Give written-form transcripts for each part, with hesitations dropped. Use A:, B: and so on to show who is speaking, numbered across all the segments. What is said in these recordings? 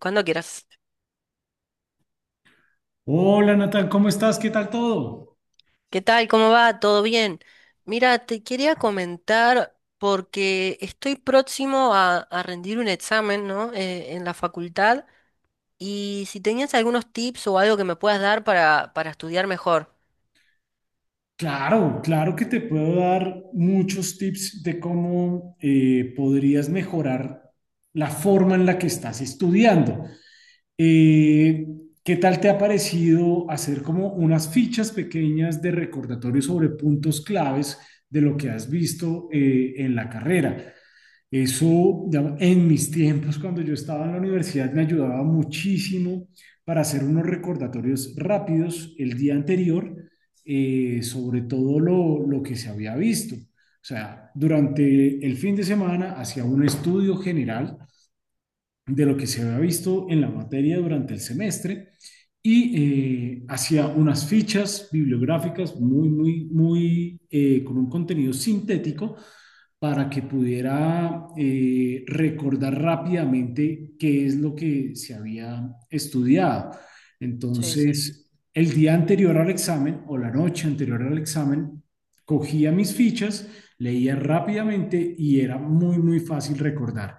A: Cuando quieras.
B: Hola Natal, ¿cómo estás? ¿Qué tal todo?
A: ¿Qué tal? ¿Cómo va? ¿Todo bien? Mira, te quería comentar porque estoy próximo a rendir un examen, ¿no? En la facultad y si tenías algunos tips o algo que me puedas dar para estudiar mejor.
B: Claro, claro que te puedo dar muchos tips de cómo podrías mejorar la forma en la que estás estudiando. Eh, ¿Qué tal te ha parecido hacer como unas fichas pequeñas de recordatorio sobre puntos claves de lo que has visto en la carrera? Eso, digamos, en mis tiempos, cuando yo estaba en la universidad, me ayudaba muchísimo para hacer unos recordatorios rápidos el día anterior sobre todo lo que se había visto. O sea, durante el fin de semana hacía un estudio general de lo que se había visto en la materia durante el semestre y hacía unas fichas bibliográficas muy, muy, muy con un contenido sintético para que pudiera recordar rápidamente qué es lo que se había estudiado.
A: Sí, sí.
B: Entonces, el día anterior al examen o la noche anterior al examen, cogía mis fichas, leía rápidamente y era muy, muy fácil recordar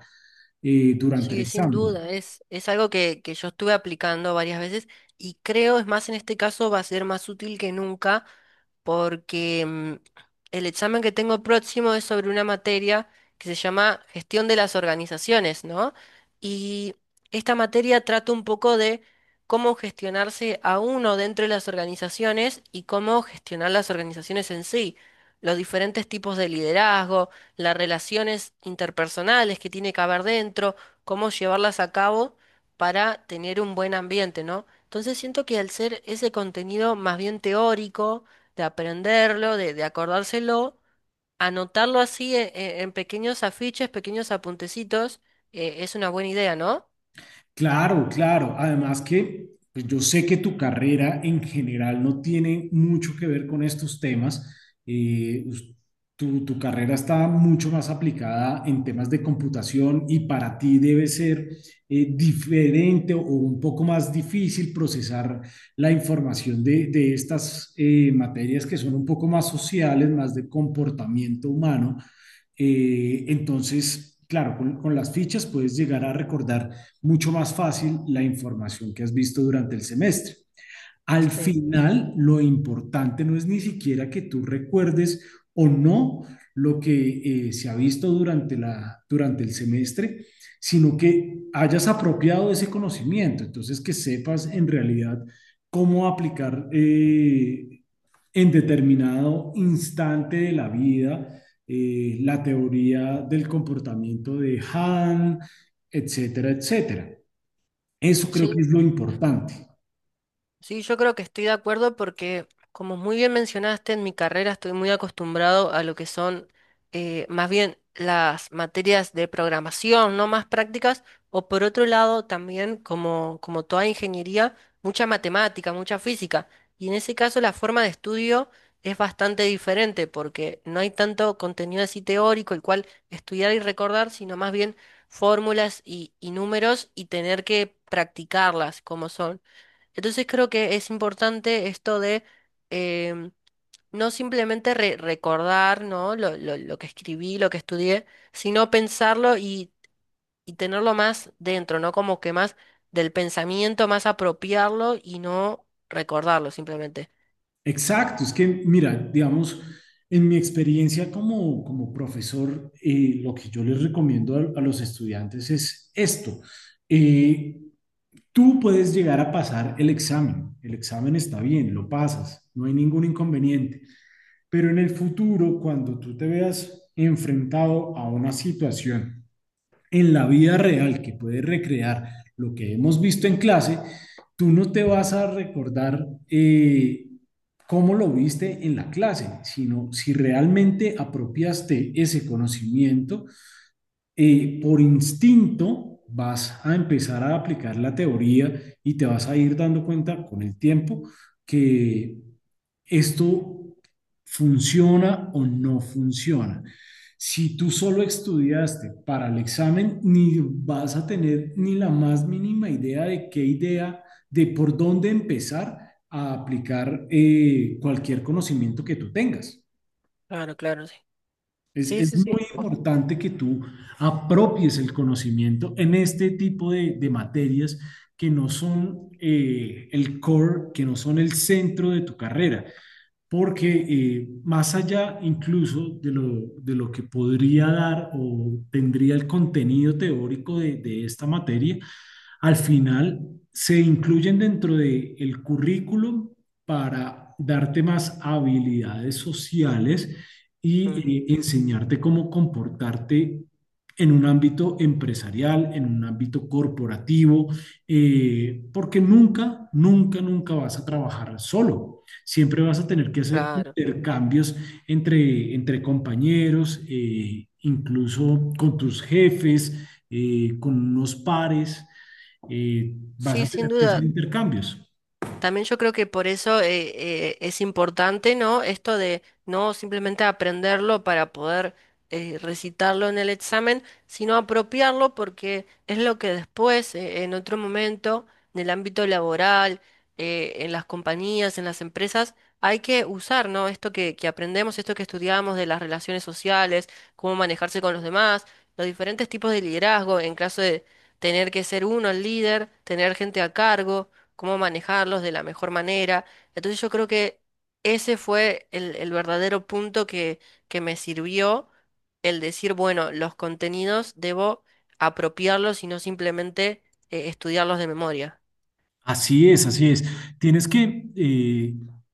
B: durante el
A: Sí, sin
B: examen.
A: duda, es algo que yo estuve aplicando varias veces y creo, es más, en este caso va a ser más útil que nunca porque el examen que tengo próximo es sobre una materia que se llama Gestión de las Organizaciones, ¿no? Y esta materia trata un poco de cómo gestionarse a uno dentro de las organizaciones y cómo gestionar las organizaciones en sí, los diferentes tipos de liderazgo, las relaciones interpersonales que tiene que haber dentro, cómo llevarlas a cabo para tener un buen ambiente, ¿no? Entonces siento que al ser ese contenido más bien teórico, de aprenderlo, de acordárselo, anotarlo así en pequeños afiches, pequeños apuntecitos, es una buena idea, ¿no?
B: Claro, claro. Además que pues, yo sé que tu carrera en general no tiene mucho que ver con estos temas. Eh, us- tu carrera está mucho más aplicada en temas de computación y para ti debe ser diferente o un poco más difícil procesar la información de estas materias que son un poco más sociales, más de comportamiento humano. Entonces, claro, las fichas puedes llegar a recordar mucho más fácil la información que has visto durante el semestre. Al
A: Sí.
B: final, lo importante no es ni siquiera que tú recuerdes o no lo que se ha visto durante durante el semestre, sino que hayas apropiado ese conocimiento, entonces que sepas en realidad cómo aplicar en determinado instante de la vida la teoría del comportamiento de Han, etcétera, etcétera. Eso creo
A: Sí,
B: que es lo importante.
A: Sí, yo creo que estoy de acuerdo porque, como muy bien mencionaste, en mi carrera estoy muy acostumbrado a lo que son más bien las materias de programación, no más prácticas, o por otro lado también, como toda ingeniería, mucha matemática, mucha física. Y en ese caso la forma de estudio es bastante diferente porque no hay tanto contenido así teórico, el cual estudiar y recordar, sino más bien fórmulas y números y tener que practicarlas como son. Entonces creo que es importante esto de em, no simplemente recordar, ¿no? Lo que escribí, lo que estudié, sino pensarlo y tenerlo más dentro, ¿no? Como que más del pensamiento, más apropiarlo y no recordarlo simplemente.
B: Exacto, es que mira, digamos, en mi experiencia como, como profesor, lo que yo les recomiendo a los estudiantes es esto. Eh, tú puedes llegar a pasar el examen está bien, lo pasas, no hay ningún inconveniente, pero en el futuro, cuando tú te veas enfrentado a una situación en la vida real que puedes recrear lo que hemos visto en clase, tú no te vas a recordar cómo lo viste en la clase, sino si realmente apropiaste ese conocimiento por instinto vas a empezar a aplicar la teoría y te vas a ir dando cuenta con el tiempo que esto funciona o no funciona. Si tú solo estudiaste para el examen, ni vas a tener ni la más mínima idea de qué idea, de por dónde empezar a aplicar cualquier conocimiento que tú tengas.
A: Claro, claro, sí. Sí,
B: Es
A: sí,
B: muy importante que tú apropies el conocimiento en este tipo de materias que no son el core, que no son el centro de tu carrera, porque más allá incluso de lo que podría dar o tendría el contenido teórico de esta materia, al final se incluyen dentro del currículum para darte más habilidades sociales
A: mm,
B: y enseñarte cómo comportarte en un ámbito empresarial, en un ámbito corporativo, porque nunca, nunca, nunca vas a trabajar solo. Siempre vas a tener que hacer
A: claro.
B: intercambios entre compañeros, incluso con tus jefes, con unos pares vas
A: Sí,
B: a
A: sin
B: tener que hacer
A: duda.
B: intercambios.
A: También yo creo que por eso es importante, ¿no? Esto de no simplemente aprenderlo para poder recitarlo en el examen, sino apropiarlo porque es lo que después, en otro momento, en el ámbito laboral, en las compañías, en las empresas, hay que usar, ¿no? Esto que aprendemos, esto que estudiamos de las relaciones sociales, cómo manejarse con los demás, los diferentes tipos de liderazgo en caso de tener que ser uno el líder, tener gente a cargo cómo manejarlos de la mejor manera. Entonces yo creo que ese fue el verdadero punto que me sirvió, el decir, bueno, los contenidos debo apropiarlos y no simplemente estudiarlos de memoria.
B: Así es, así es. Tienes que,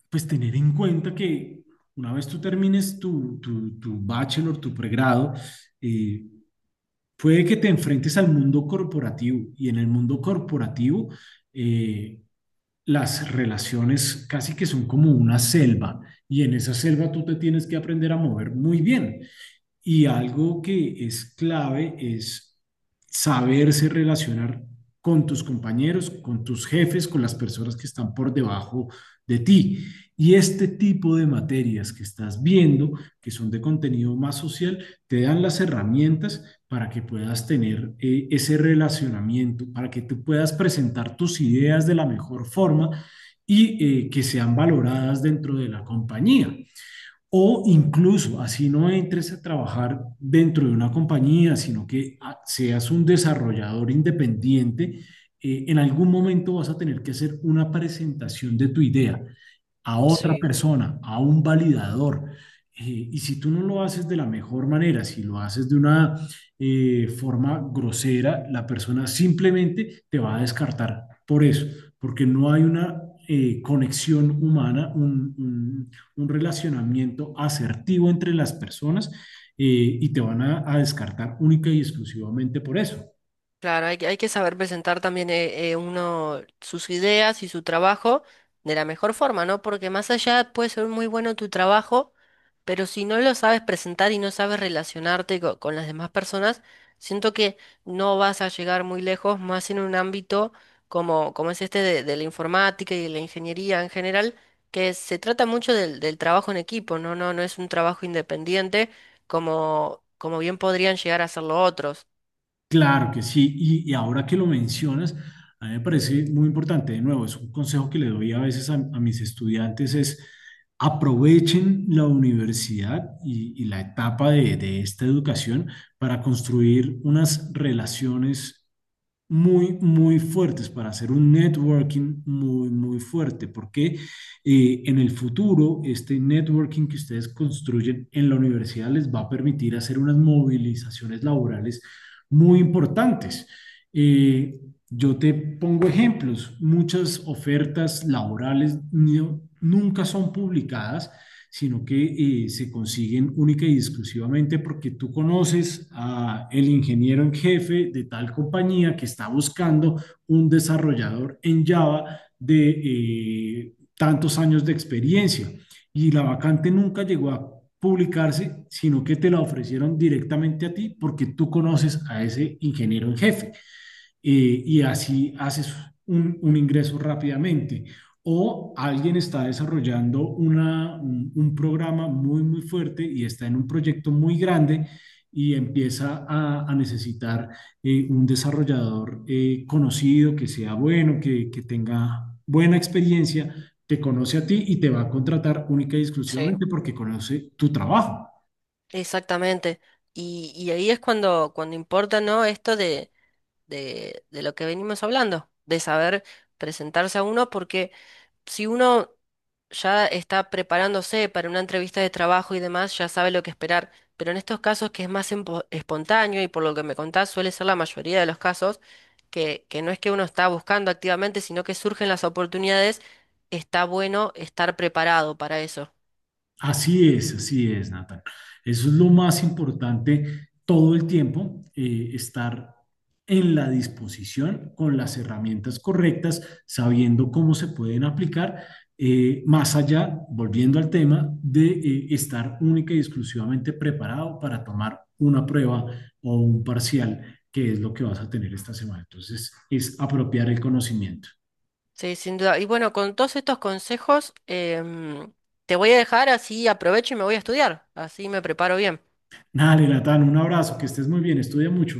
B: pues, tener en cuenta que una vez tú termines tu bachelor, tu pregrado, eh, puede que te enfrentes al mundo corporativo y en el mundo corporativo eh, las relaciones casi que son como una selva y en esa selva tú te tienes que aprender a mover muy bien. Y algo que es clave es saberse relacionar con tus compañeros, con tus jefes, con las personas que están por debajo de ti. Y este tipo de materias que estás viendo, que son de contenido más social, te dan las herramientas para que puedas tener ese relacionamiento, para que tú puedas presentar tus ideas de la mejor forma y que sean valoradas dentro de la compañía. O incluso, así no entres a trabajar dentro de una compañía, sino que seas un desarrollador independiente, en algún momento vas a tener que hacer una presentación de tu idea a otra persona, a un validador. Y si tú no lo haces de la mejor manera, si lo haces de una forma grosera, la persona simplemente te va a descartar por eso, porque no hay una conexión humana, un relacionamiento asertivo entre las personas y te van a, descartar única y exclusivamente por eso.
A: Claro, que hay que saber presentar también uno sus ideas y su trabajo de la mejor forma, ¿no? Porque más allá puede ser muy bueno tu trabajo, pero si no lo sabes presentar y no sabes relacionarte con las demás personas, siento que no vas a llegar muy lejos, más en un ámbito como es este de la informática y de la ingeniería en general, que se trata mucho del trabajo en equipo, ¿no? No, no es un trabajo independiente como bien podrían llegar a hacerlo otros.
B: Claro que sí, ahora que lo mencionas, a mí me parece muy importante, de nuevo, es un consejo que le doy a veces a mis estudiantes, es aprovechen la universidad y la etapa de esta educación para construir unas relaciones muy, muy fuertes para hacer un networking muy, muy fuerte, porque en el futuro este networking que ustedes construyen en la universidad les va a permitir hacer unas movilizaciones laborales muy importantes. Eh, yo te pongo ejemplos, muchas ofertas laborales nunca son publicadas sino que se consiguen única y exclusivamente porque tú conoces a el ingeniero en jefe de tal compañía que está buscando un desarrollador en Java de tantos años de experiencia y la vacante nunca llegó a publicarse, sino que te la ofrecieron directamente a ti porque tú conoces a ese ingeniero en jefe. Y así haces ingreso rápidamente. O alguien está desarrollando un programa muy, muy fuerte y está en un proyecto muy grande y empieza a necesitar un desarrollador conocido, que sea bueno, que tenga buena experiencia, te conoce a ti y te va a contratar única y
A: Sí.
B: exclusivamente porque conoce tu trabajo.
A: Exactamente. Y ahí es cuando, cuando importa, ¿no? Esto de lo que venimos hablando, de saber presentarse a uno, porque si uno ya está preparándose para una entrevista de trabajo y demás, ya sabe lo que esperar. Pero en estos casos que es más espontáneo y por lo que me contás suele ser la mayoría de los casos, que no es que uno está buscando activamente, sino que surgen las oportunidades, está bueno estar preparado para eso.
B: Así es, Nathan. Eso es lo más importante todo el tiempo, estar en la disposición con las herramientas correctas, sabiendo cómo se pueden aplicar, más allá, volviendo al tema, de estar única y exclusivamente preparado para tomar una prueba o un parcial, que es lo que vas a tener esta semana. Entonces, es apropiar el conocimiento.
A: Sí, sin duda. Y bueno, con todos estos consejos, te voy a dejar así aprovecho y me voy a estudiar. Así me preparo bien.
B: Dale, Natán, un abrazo, que estés muy bien, estudia mucho.